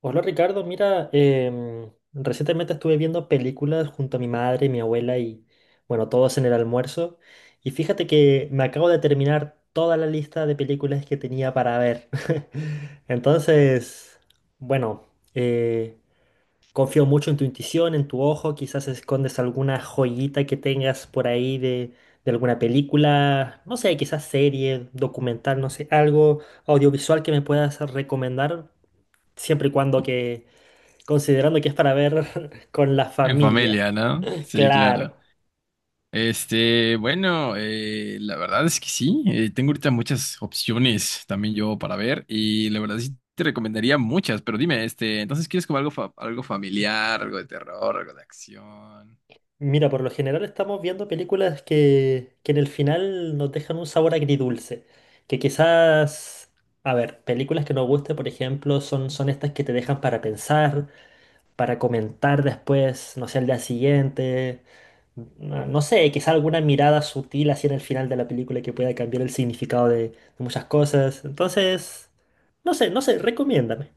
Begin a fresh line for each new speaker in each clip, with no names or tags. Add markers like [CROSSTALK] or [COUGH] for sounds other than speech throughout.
Hola Ricardo, mira, recientemente estuve viendo películas junto a mi madre y mi abuela y bueno, todos en el almuerzo. Y fíjate que me acabo de terminar toda la lista de películas que tenía para ver. [LAUGHS] Entonces, bueno, eh, confío mucho en tu intuición, en tu ojo, quizás escondes alguna joyita que tengas por ahí de alguna película, no sé, quizás serie, documental, no sé, algo audiovisual que me puedas recomendar, siempre y cuando que considerando que es para ver [LAUGHS] con la
En
familia.
familia, ¿no? Sí, claro.
Claro.
Este, bueno, la verdad es que sí. Tengo ahorita muchas opciones también yo para ver y la verdad sí te recomendaría muchas, pero dime, este, entonces quieres como algo, algo familiar, algo de terror, algo de acción.
Mira, por lo general estamos viendo películas que en el final nos dejan un sabor agridulce. Que quizás, a ver, películas que nos gusten, por ejemplo, son estas que te dejan para pensar, para comentar después, no sé, al día siguiente. No, no sé, quizás alguna mirada sutil así en el final de la película que pueda cambiar el significado de muchas cosas. Entonces, no sé, no sé, recomiéndame.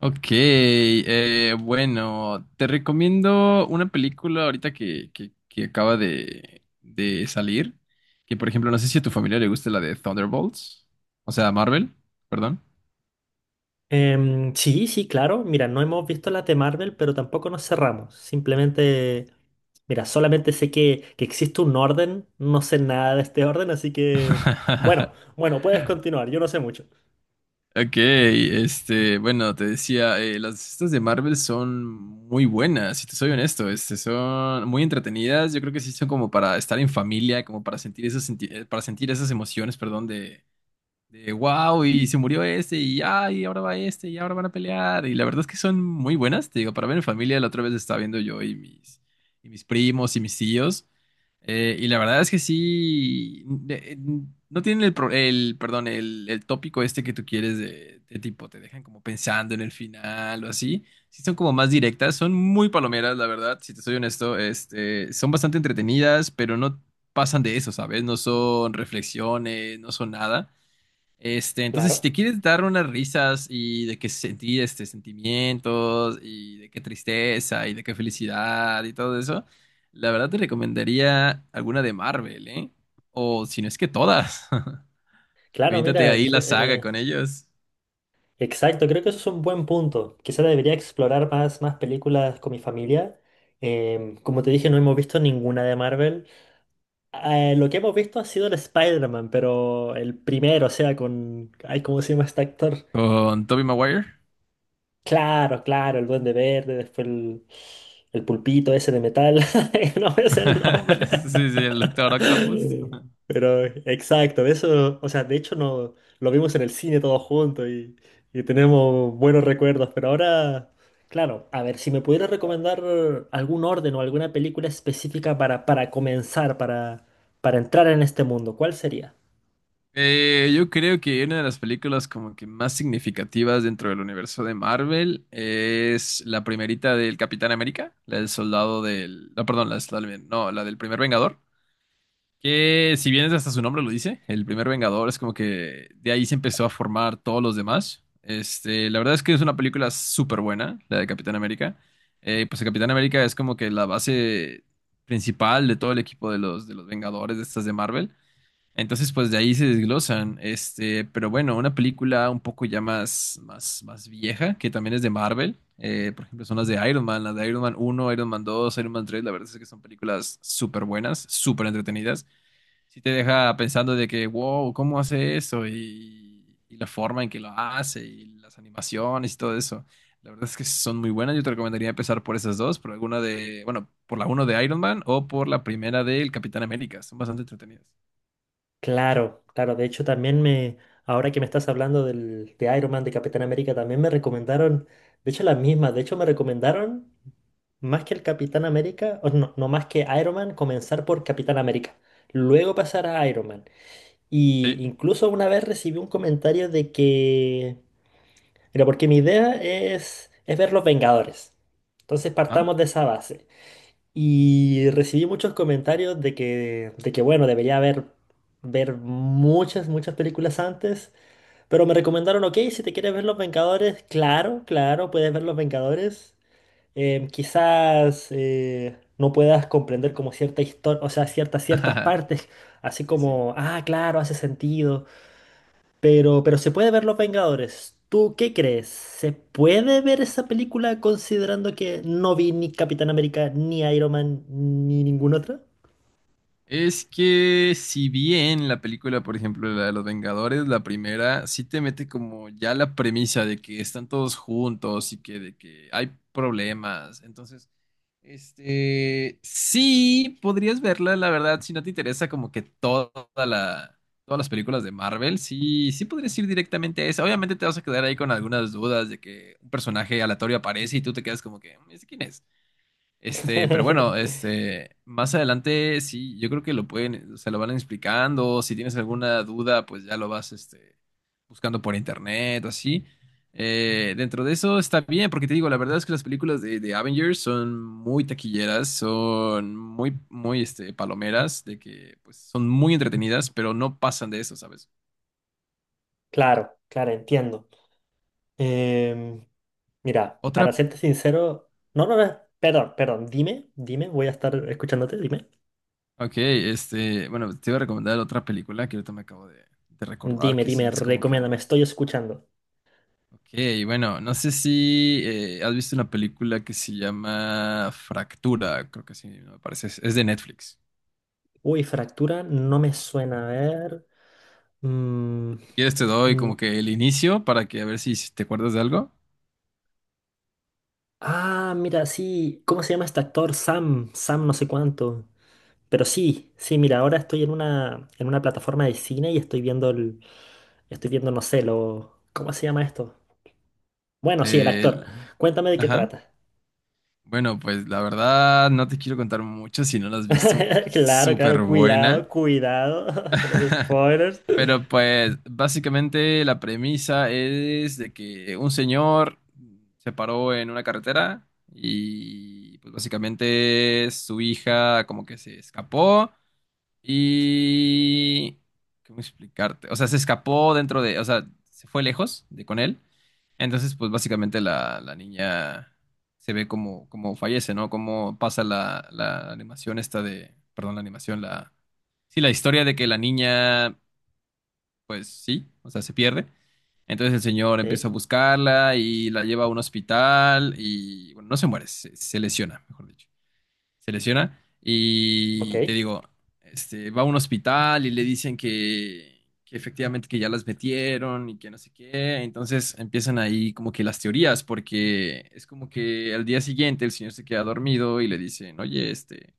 Ok, bueno, te recomiendo una película ahorita que acaba de salir, que por ejemplo, no sé si a tu familia le gusta la de Thunderbolts, o sea, Marvel, perdón.
Sí, sí, claro. Mira, no hemos visto las de Marvel, pero tampoco nos cerramos. Simplemente, mira, solamente sé que existe un orden. No sé nada de este orden, así que, bueno,
[LAUGHS]
bueno, puedes continuar. Yo no sé mucho.
Ok, este, bueno, te decía, las estas de Marvel son muy buenas, si te soy honesto, este, son muy entretenidas, yo creo que sí son como para estar en familia, como para sentir esas, para sentir esas emociones, perdón, de. De wow, y se murió este, y ay, ahora va este, y ahora van a pelear. Y la verdad es que son muy buenas, te digo, para ver en familia, la otra vez estaba viendo y mis primos y mis tíos. Y la verdad es que sí, no tienen el, el tópico este que tú quieres de tipo, te dejan como pensando en el final o así. Sí son como más directas, son muy palomeras, la verdad, si te soy honesto, este, son bastante entretenidas, pero no pasan de eso, ¿sabes? No son reflexiones, no son nada. Este, entonces, si
Claro,
te quieres dar unas risas y de que sentir este sentimientos y de qué tristeza y de qué felicidad y todo eso, la verdad te recomendaría alguna de Marvel, ¿eh? O si no es que todas. [LAUGHS]
claro,
Aviéntate
mira,
ahí la saga con ellos.
exacto. Creo que eso es un buen punto. Quizá debería explorar más películas con mi familia. Como te dije, no hemos visto ninguna de Marvel. Lo que hemos visto ha sido el Spider-Man, pero el primero, o sea, con... Ay, ¿cómo se llama este actor?
Con Tobey Maguire.
Claro, claro, el Duende Verde, después el pulpito ese de metal, [LAUGHS] no es el
[LAUGHS]
nombre.
Sí, sí, el
[LAUGHS]
Doctor Octopus.
Pero exacto, eso, o sea, de hecho no, lo vimos en el cine todos juntos y tenemos buenos recuerdos, pero ahora, claro, a ver, si me pudieras recomendar algún orden o alguna película específica para comenzar, para entrar en este mundo, ¿cuál sería?
Yo creo que una de las películas como que más significativas dentro del universo de Marvel es la primerita del Capitán América, la del soldado del... No, perdón, la del soldado del- No, la del primer Vengador. Que si bien es hasta su nombre lo dice, el primer Vengador es como que de ahí se empezó a formar todos los demás. Este, la verdad es que es una película súper buena, la de Capitán América. Pues el Capitán América es como que la base principal de todo el equipo de de los Vengadores de estas de Marvel. Entonces, pues de ahí se desglosan. Este, pero bueno, una película un poco ya más vieja, que también es de Marvel. Por ejemplo, son las de Iron Man, las de Iron Man uno, Iron Man dos, Iron Man tres. La verdad es que son películas súper buenas, súper entretenidas. Sí te deja pensando de que, wow, ¿cómo hace eso? Y la forma en que lo hace, y las animaciones y todo eso. La verdad es que son muy buenas. Yo te recomendaría empezar por esas dos, por alguna de, bueno, por la uno de Iron Man o por la primera del Capitán América. Son bastante entretenidas.
Claro, claro. De hecho, también me, ahora que me estás hablando de Iron Man, de Capitán América, también me recomendaron, de hecho, las mismas. De hecho, me recomendaron más que el Capitán América, o no, no más que Iron Man, comenzar por Capitán América, luego pasar a Iron Man. Y
Sí.
incluso una vez recibí un comentario de que, mira, porque mi idea es ver Los Vengadores. Entonces
Ajá.
partamos de esa base. Y recibí muchos comentarios de que bueno, debería haber ver muchas películas antes, pero me recomendaron, ok, si te quieres ver Los Vengadores, claro, claro, puedes ver Los Vengadores. Quizás no puedas comprender como cierta historia, o sea, ciertas
[LAUGHS]
partes, así
Sí, sí.
como, ah, claro, hace sentido. Pero se puede ver Los Vengadores. ¿Tú qué crees? ¿Se puede ver esa película considerando que no vi ni Capitán América, ni Iron Man, ni ninguna otra?
Es que si bien la película, por ejemplo, la de los Vengadores, la primera, sí te mete como ya la premisa de que están todos juntos y que de que hay problemas. Entonces, este, sí, podrías verla, la verdad, si no te interesa como que toda la, todas las películas de Marvel, sí, sí podrías ir directamente a esa. Obviamente te vas a quedar ahí con algunas dudas de que un personaje aleatorio aparece y tú te quedas como que, "¿Ese quién es? Este, pero bueno,
[LAUGHS]
este, más adelante sí, yo creo que lo pueden, se lo van explicando. Si tienes alguna duda, pues ya lo vas, este, buscando por internet, así. Dentro de eso está bien, porque te digo, la verdad es que las películas de Avengers son muy taquilleras, son este, palomeras, de que, pues, son muy entretenidas, pero no pasan de eso, ¿sabes?
Claro, claro, entiendo. Em, Mira, para
Otra,
serte sincero, no, no, no, perdón, perdón, dime, dime, voy a estar escuchándote, dime.
ok, este, bueno, te iba a recomendar otra película que ahorita me acabo de recordar,
Dime,
que sí
dime,
es como que
recomiéndame, estoy escuchando.
ok, bueno, no sé si has visto una película que se llama Fractura, creo que sí, me parece, es de Netflix.
Uy, fractura, no me suena a ver. Mm,
Si quieres te doy
mm.
como que el inicio para que a ver si te acuerdas de algo.
Ah, mira, sí. ¿Cómo se llama este actor? Sam, Sam no sé cuánto. Pero sí, sí, mira, ahora estoy en una plataforma de cine y estoy viendo estoy viendo, no sé, lo, ¿cómo se llama esto? Bueno, sí, el actor.
El-
Cuéntame de qué
ajá.
trata.
Bueno, pues la verdad no te quiero contar mucho si no la has visto porque
[LAUGHS]
es
Claro, claro,
súper
cuidado,
buena.
cuidado [LAUGHS] con los
[LAUGHS]
spoilers.
Pero pues básicamente la premisa es de que un señor se paró en una carretera y pues básicamente su hija como que se escapó y... ¿Cómo explicarte? O sea, se escapó dentro de... O sea, se fue lejos de con él. Entonces pues básicamente la niña se ve como, como fallece, ¿no? Como pasa la animación esta de... Perdón, la animación, la... Sí, la historia de que la niña pues sí, o sea, se pierde. Entonces el señor
Ok,
empieza a buscarla y la lleva a un hospital y, bueno, no se muere, se lesiona, mejor dicho. Se lesiona
ok.
y te digo, este, va a un hospital y le dicen que efectivamente que ya las metieron y que no sé qué. Entonces empiezan ahí como que las teorías, porque es como que al día siguiente el señor se queda dormido y le dicen, oye, este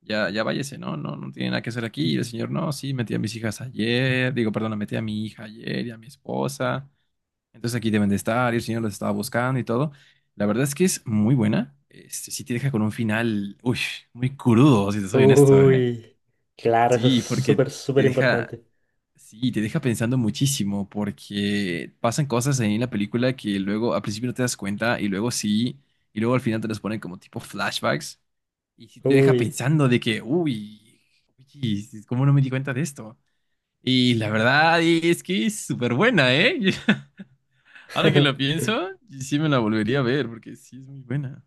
ya, ya váyase, ¿no? No tiene nada que hacer aquí. Y el señor, no, sí, metí a mis hijas ayer, digo, perdón, metí a mi hija ayer y a mi esposa. Entonces aquí deben de estar, y el señor los estaba buscando y todo. La verdad es que es muy buena. Este, sí te deja con un final, uy, muy crudo, si te soy honesto, ¿eh?
Uy, claro, eso es
Sí, porque
súper, súper
te deja,
importante.
sí, te deja pensando muchísimo, porque pasan cosas ahí en la película que luego al principio no te das cuenta y luego sí, y luego al final te las ponen como tipo flashbacks. Y si te deja
Uy.
pensando de que, uy, uy, ¿cómo no me di cuenta de esto? Y la verdad es que es súper buena, ¿eh? [LAUGHS] Ahora que lo
[LAUGHS]
pienso, sí me la volvería a ver porque sí es muy buena.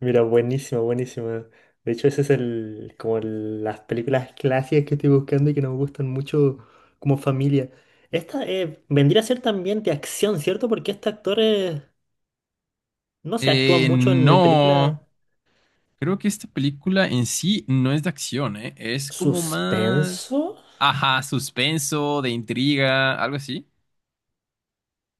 Mira, buenísimo, buenísimo. De hecho, ese es las películas clásicas que estoy buscando y que nos gustan mucho como familia. Esta vendría a ser también de acción, ¿cierto? Porque este actor, no se actúa mucho en
No,
películas
creo que esta película en sí no es de acción, ¿eh? Es como más,
suspenso.
ajá, suspenso, de intriga, algo así.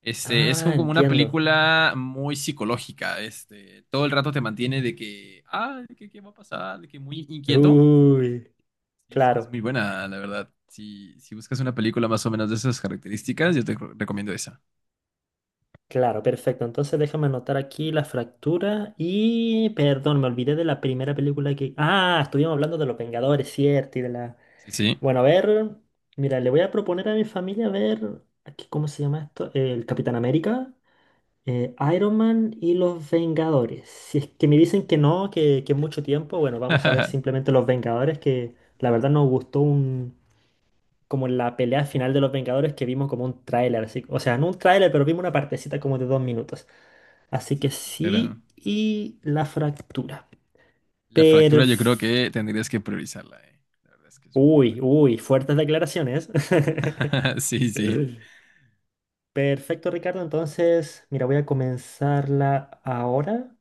Este, es
Ah,
como una
entiendo.
película muy psicológica, este, todo el rato te mantiene de que, ah, de que, ¿qué va a pasar? De que muy inquieto.
Uy,
Sí, sí, es
claro,
muy buena, la verdad. Si, si buscas una película más o menos de esas características, recomiendo esa.
claro, perfecto. Entonces déjame anotar aquí la fractura y, perdón, me olvidé de la primera película que... Ah, estuvimos hablando de Los Vengadores, ¿cierto? Y de la...
Sí, sí.
Bueno, a ver, mira, le voy a proponer a mi familia ver, aquí, ¿cómo se llama esto? El Capitán América, Iron Man y los Vengadores. Si es que me dicen que no, que es mucho tiempo, bueno, vamos a ver
[LAUGHS]
simplemente los Vengadores, que la verdad nos gustó un, como la pelea final de los Vengadores que vimos como un tráiler, así, o sea, no un tráiler, pero vimos una partecita como de 2 minutos. Así que
Sí, sí, claro.
sí, y la fractura.
La fractura yo creo
Perf-
que tendrías que priorizarla, eh. La verdad es que es muy
Uy,
buena.
uy, fuertes declaraciones. [LAUGHS]
[LAUGHS] Sí, sí.
Perfecto, Ricardo. Entonces, mira, voy a comenzarla ahora.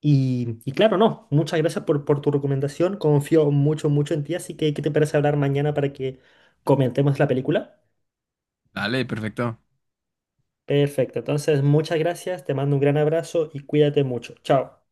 Y claro, no, muchas gracias por tu recomendación. Confío mucho, mucho en ti. Así que, ¿qué te parece hablar mañana para que comentemos la película?
Dale, perfecto.
Perfecto. Entonces, muchas gracias. Te mando un gran abrazo y cuídate mucho. Chao.